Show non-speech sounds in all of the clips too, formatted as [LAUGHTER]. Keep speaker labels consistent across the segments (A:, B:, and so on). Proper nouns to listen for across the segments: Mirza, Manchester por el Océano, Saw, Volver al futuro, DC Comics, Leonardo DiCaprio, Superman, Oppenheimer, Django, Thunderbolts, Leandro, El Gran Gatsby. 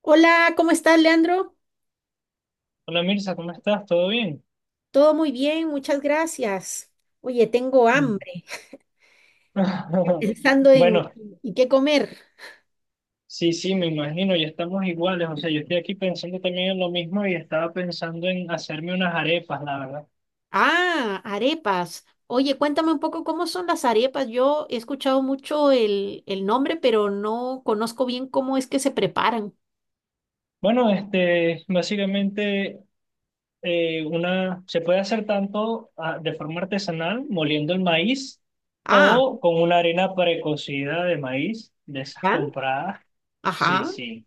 A: Hola, ¿cómo estás, Leandro?
B: Hola Mirza, ¿cómo estás? ¿Todo bien?
A: Todo muy bien, muchas gracias. Oye, tengo
B: Mm.
A: hambre, [LAUGHS]
B: [LAUGHS]
A: pensando en
B: Bueno,
A: ¿y qué comer?
B: sí, sí, me imagino, ya estamos iguales. O sea, yo estoy aquí pensando también en lo mismo y estaba pensando en hacerme unas arepas, la verdad.
A: Ah, arepas. Oye, cuéntame un poco cómo son las arepas. Yo he escuchado mucho el nombre, pero no conozco bien cómo es que se preparan.
B: Bueno, este, básicamente, una, se puede hacer tanto ah, de forma artesanal, moliendo el maíz,
A: Ah,
B: o con una harina precocida de maíz, de esas
A: ¿ya?
B: compradas. Sí,
A: Ajá,
B: sí.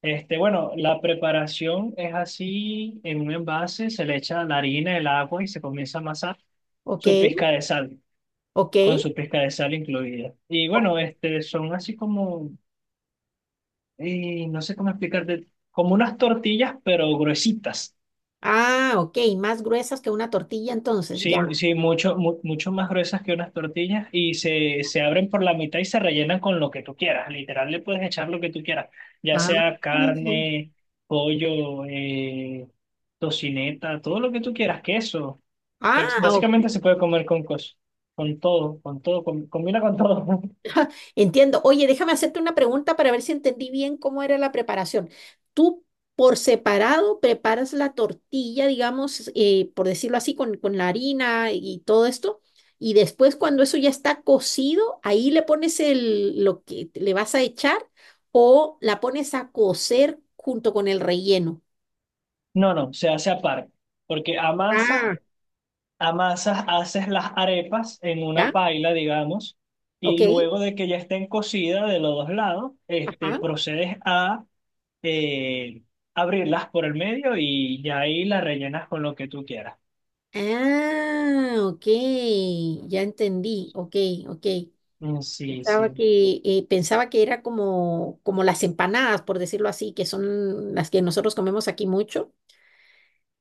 B: Este, bueno, la preparación es así, en un envase se le echa la harina, el agua y se comienza a amasar
A: ok,
B: su pizca de sal,
A: ok.
B: con su pizca de sal incluida. Y bueno, este, son así como, no sé cómo explicarte, como unas tortillas, pero gruesitas.
A: Ah, ok, más gruesas que una tortilla entonces,
B: Sí,
A: ya.
B: sí, mucho, mucho más gruesas que unas tortillas y se abren por la mitad y se rellenan con lo que tú quieras. Literal, le puedes echar lo que tú quieras, ya
A: Ah,
B: sea carne, pollo, tocineta, todo lo que tú quieras, queso.
A: ah,
B: Básicamente se puede comer con cosas, con todo, combina con todo. [LAUGHS]
A: entiendo. Oye, déjame hacerte una pregunta para ver si entendí bien cómo era la preparación. Tú por separado preparas la tortilla, digamos, por decirlo así, con la harina y todo esto. Y después cuando eso ya está cocido, ahí le pones el, lo que le vas a echar o la pones a cocer junto con el relleno.
B: No, no, se hace aparte, porque
A: Ah,
B: Amasas, haces las arepas en una
A: ¿ya?
B: paila, digamos,
A: ¿Ok?
B: y luego de que ya estén cocidas de los dos lados, este,
A: Ajá.
B: procedes a eh, abrirlas por el medio y ya ahí las rellenas con lo que tú quieras.
A: Ah, ok. Ya entendí. Ok, ok.
B: Mm, sí, sí.
A: Pensaba que era como, como las empanadas, por decirlo así, que son las que nosotros comemos aquí mucho.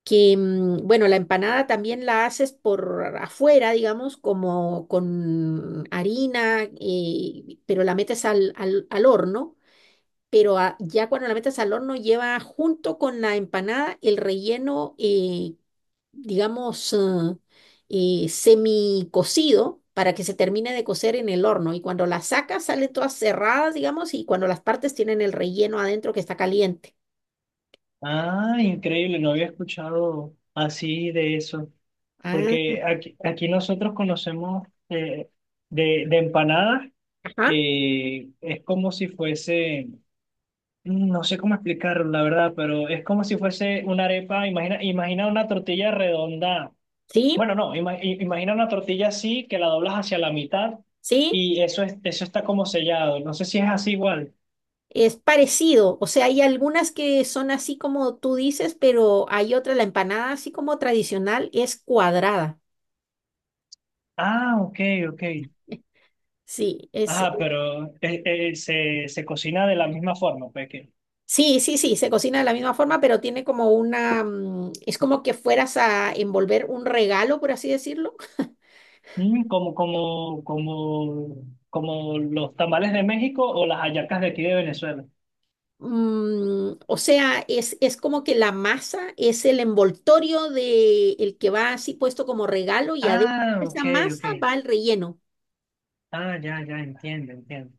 A: Que, mm, bueno, la empanada también la haces por afuera, digamos, como con harina, pero la metes al horno. Pero ya cuando la metes al horno lleva junto con la empanada el relleno, digamos, semi para que se termine de cocer en el horno. Y cuando las sacas, salen todas cerradas, digamos, y cuando las partes tienen el relleno adentro que está caliente.
B: Ah, increíble, no había escuchado así de eso,
A: Ah,
B: porque aquí nosotros conocemos de empanadas,
A: ajá,
B: es como si fuese. No sé cómo explicarlo, la verdad, pero es como si fuese una arepa. Imagina, imagina una tortilla redonda.
A: sí,
B: Bueno, no, imagina una tortilla así que la doblas hacia la mitad
A: sí,
B: y eso es, eso está como sellado. No sé si es así igual.
A: es parecido. O sea, hay algunas que son así como tú dices, pero hay otra, la empanada, así como tradicional, es cuadrada.
B: Ah, ok, ok.
A: [LAUGHS] Sí, es,
B: Ajá, pero se cocina de la misma forma, pues que
A: sí, sí, sí, se cocina de la misma forma, pero tiene como una, mm, es como que fueras a envolver un regalo, por así decirlo.
B: mm, como, como, como, como los tamales de México o las hallacas de aquí de Venezuela.
A: Mm, o sea, es como que la masa es el envoltorio de el que va así puesto como regalo y adentro
B: Ah,
A: de esa
B: ok,
A: masa
B: ok.
A: va el relleno,
B: Ah, ya, ya, entiendo, entiendo.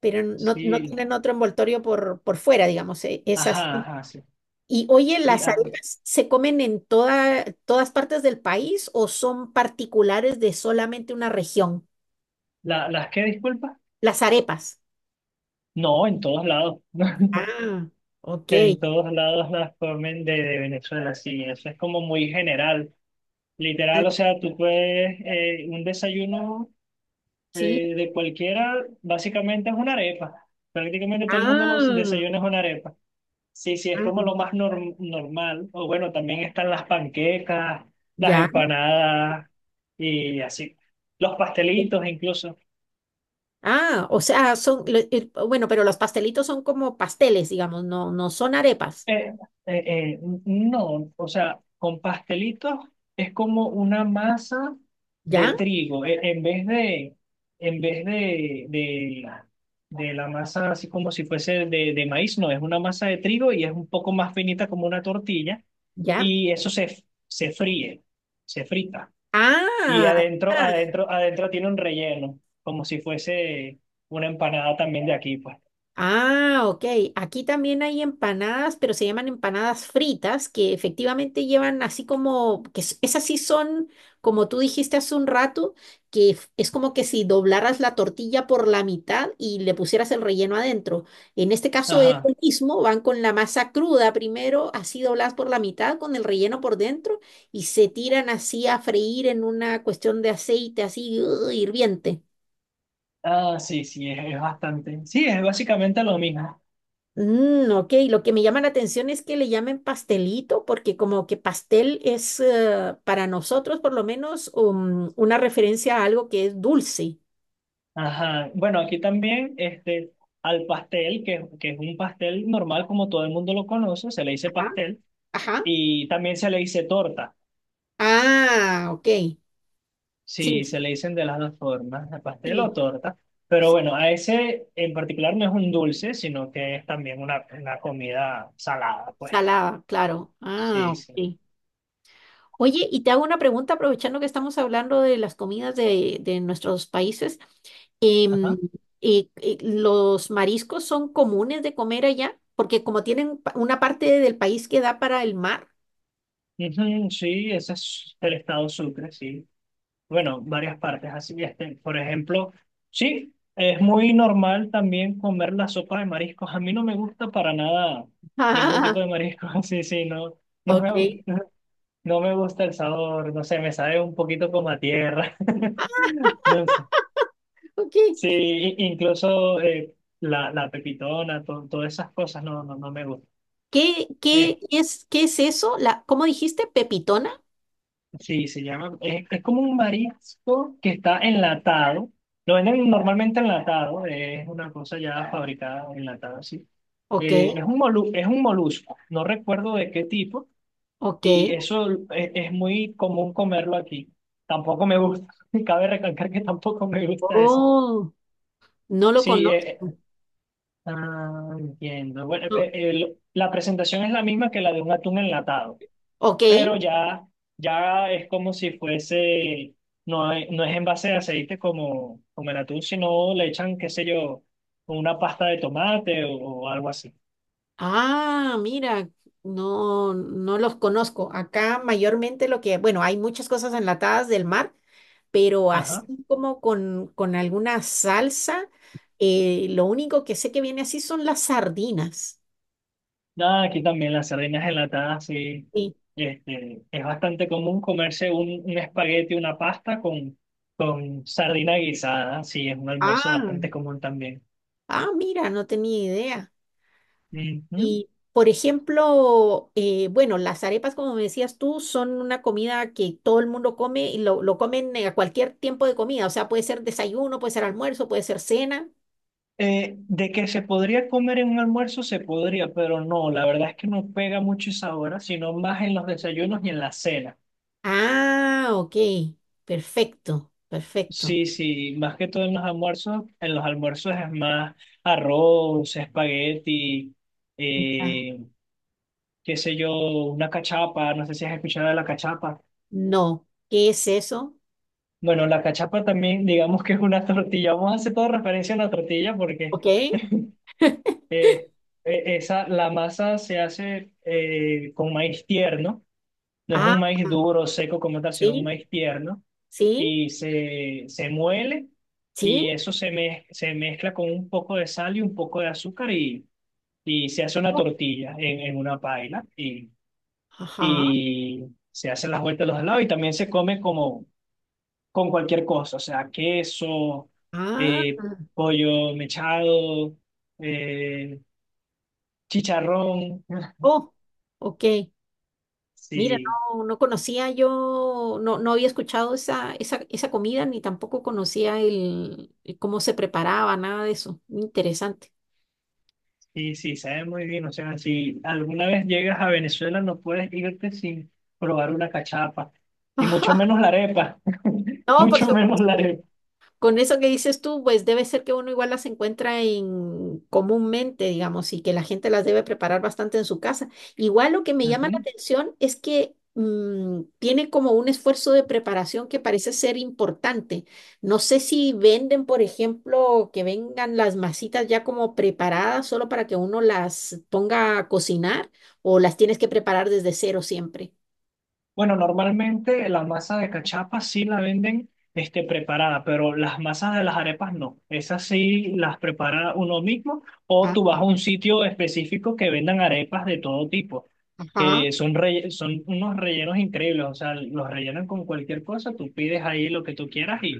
A: pero no, no
B: Sí.
A: tienen otro envoltorio por fuera, digamos, es
B: Ajá,
A: así.
B: ajá, sí.
A: Y oye,
B: Sí,
A: ¿las arepas se comen en toda, todas partes del país o son particulares de solamente una región?
B: ¿las qué, disculpa?
A: Las arepas.
B: No, en todos lados. [LAUGHS]
A: Ah, ok.
B: En todos lados las comen de Venezuela, sí. Eso es como muy general.
A: Ah,
B: Literal, o sea, tú puedes, un desayuno
A: sí.
B: de cualquiera, básicamente es una arepa. Prácticamente todo el mundo los
A: Ah,
B: desayunos es una arepa. Sí, sí, es como
A: ah,
B: lo más normal. O bueno, también están las panquecas, las
A: ya.
B: empanadas y así. Los pastelitos incluso.
A: Ah, o sea, son, bueno, pero los pastelitos son como pasteles, digamos, no, no son arepas.
B: Eh, eh, eh, no, o sea, con pastelitos es como una masa
A: ¿Ya?
B: de trigo. En vez de, en vez de, de, la, de la masa así como si fuese de, maíz, no, es una masa de trigo y es un poco más finita como una tortilla.
A: ¿Ya?
B: Y eso se fríe, se frita. Y
A: Ah,
B: adentro,
A: ya.
B: adentro, adentro tiene un relleno, como si fuese una empanada también de aquí, pues.
A: Ah, ok. Aquí también hay empanadas, pero se llaman empanadas fritas, que efectivamente llevan así como, que esas sí son, como tú dijiste hace un rato, que es como que si doblaras la tortilla por la mitad y le pusieras el relleno adentro. En este caso es lo
B: Ajá.
A: mismo, van con la masa cruda primero, así dobladas por la mitad, con el relleno por dentro, y se tiran así a freír en una cuestión de aceite así, ¡ugh! Hirviente.
B: Ah, sí, sí, es bastante. Sí, es básicamente lo mismo.
A: Mm, ok, lo que me llama la atención es que le llamen pastelito, porque como que pastel es para nosotros por lo menos una referencia a algo que es dulce.
B: Ajá. Bueno, aquí también, este, al pastel, que es un pastel normal como todo el mundo lo conoce, se le dice
A: Ajá.
B: pastel
A: Ajá.
B: y también se le dice torta.
A: Ah, ok. Sí,
B: Sí, se le dicen de las dos formas, de pastel
A: sí,
B: o torta. Pero
A: sí.
B: bueno, a ese en particular no es un dulce, sino que es también una comida salada, pues.
A: Salada, claro. Ah,
B: Sí, sí.
A: ok. Oye, y te hago una pregunta aprovechando que estamos hablando de las comidas de nuestros países.
B: Ajá.
A: Em, ¿Los mariscos son comunes de comer allá? Porque como tienen una parte del país que da para el mar. [LAUGHS]
B: Ujú, sí, ese es el estado Sucre, sí. Bueno, varias partes. Así, este, por ejemplo, sí, es muy normal también comer la sopa de mariscos. A mí no me gusta para nada ningún tipo
A: Ah,
B: de marisco. [LAUGHS] Sí, sí, no, no
A: ok,
B: me gusta, no me gusta el sabor. No sé, me sabe un poquito como a tierra. [LAUGHS] No sé.
A: ok.
B: Sí, incluso la pepitona, todas esas cosas no, no, no me gustan.
A: ¿Qué, qué es eso? La, ¿cómo dijiste? ¿Pepitona?
B: Sí, se llama, es como un marisco que está enlatado. Lo venden normalmente enlatado, es una cosa ya fabricada enlatada, sí.
A: Ok,
B: Es un molusco, no recuerdo de qué tipo,
A: ok.
B: y eso es muy común comerlo aquí. Tampoco me gusta, [LAUGHS] cabe recalcar que tampoco me gusta eso.
A: Oh, no lo
B: Sí,
A: conozco.
B: entiendo. Bueno,
A: No,
B: la presentación es la misma que la de un atún enlatado.
A: ok.
B: Pero ya, ya es como si fuese, no, no es en base de aceite como el atún, sino le echan, qué sé yo, una pasta de tomate o algo así.
A: Ah, mira, no, no los conozco. Acá mayormente lo que, bueno, hay muchas cosas enlatadas del mar, pero así
B: Ajá.
A: como con alguna salsa, lo único que sé que viene así son las sardinas.
B: Nada, aquí también las sardinas enlatadas, sí.
A: Sí.
B: Este, es bastante común comerse un espagueti, una pasta con sardina guisada, sí, es un almuerzo
A: Ah,
B: bastante común también.
A: ah, mira, no tenía idea.
B: Ujú.
A: Y, por ejemplo, bueno, las arepas, como me decías tú, son una comida que todo el mundo come y lo comen a cualquier tiempo de comida. O sea, puede ser desayuno, puede ser almuerzo, puede ser cena.
B: De que se podría comer en un almuerzo, se podría, pero no, la verdad es que no pega mucho esa hora, sino más en los desayunos y en la cena.
A: Ah, ok. Perfecto, perfecto.
B: Sí, sí, más que todo en los almuerzos es más arroz, espagueti,
A: Ah,
B: eh, qué sé yo, una cachapa, no sé si has escuchado de la cachapa.
A: no. ¿Qué es eso?
B: Bueno, la cachapa también, digamos que es una [LAUGHS] tortilla, vamos a hacer toda referencia a la tortilla porque
A: Ok.
B: eh, esa, la masa se hace con maíz tierno. No es
A: Ah,
B: un maíz duro, seco como tal, sino un
A: sí,
B: maíz tierno.
A: sí,
B: Y se muele y
A: sí.
B: eso se mezcla con un poco de sal y un poco de azúcar y se hace una
A: Oh,
B: tortilla en, una paila y,
A: ajá.
B: y se hacen las vueltas a los lados y también se come como con cualquier cosa, o sea, queso,
A: Ah,
B: eh, pollo mechado, eh, chicharrón. [LAUGHS]
A: oh, ok. Mira,
B: Sí.
A: no, no conocía yo, no, no había escuchado esa, esa, esa comida ni tampoco conocía el cómo se preparaba, nada de eso. Interesante.
B: Sí, sí, sabe muy bien. O sea, si alguna vez llegas a Venezuela, no puedes irte sin probar una cachapa. Y mucho
A: [LAUGHS]
B: menos la arepa. [LAUGHS]
A: No, por
B: Mucho menos la
A: supuesto.
B: arepa.
A: Con eso que dices tú, pues debe ser que uno igual las encuentra en comúnmente, digamos, y que la gente las debe preparar bastante en su casa. Igual lo que me llama la atención es que mm, tiene como un esfuerzo de preparación que parece ser importante. No sé si venden, por ejemplo, que vengan las masitas ya como preparadas solo para que uno las ponga a cocinar o las tienes que preparar desde cero siempre.
B: Bueno, normalmente la masa de cachapa sí la venden este, preparada, pero las masas de las arepas no. Esas sí las prepara uno mismo o
A: Ah,
B: tú vas a un sitio específico que vendan arepas de todo tipo,
A: ajá.
B: que son unos rellenos increíbles, o sea, los rellenan con cualquier cosa, tú pides ahí lo que tú quieras y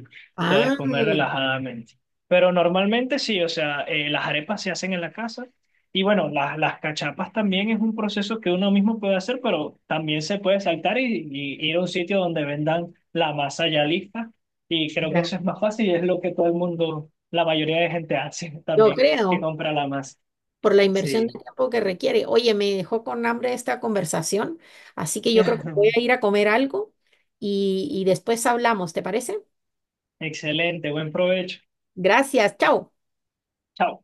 B: puedes
A: Ah,
B: comer relajadamente. Pero normalmente sí, o sea, las arepas se hacen en la casa y bueno, las cachapas también es un proceso que uno mismo puede hacer, pero también se puede saltar y ir a un sitio donde vendan la masa ya lista. Y creo que
A: ya.
B: eso es más fácil y es lo que todo el mundo, la mayoría de gente hace [LAUGHS]
A: Yo
B: también, que
A: creo.
B: compra la masa.
A: Por la inversión
B: Sí.
A: de tiempo que requiere. Oye, me dejó con hambre esta conversación, así que yo creo que voy a ir a
B: [LAUGHS]
A: comer algo y después hablamos, ¿te parece?
B: Excelente, buen provecho.
A: Gracias, chao.
B: Chao.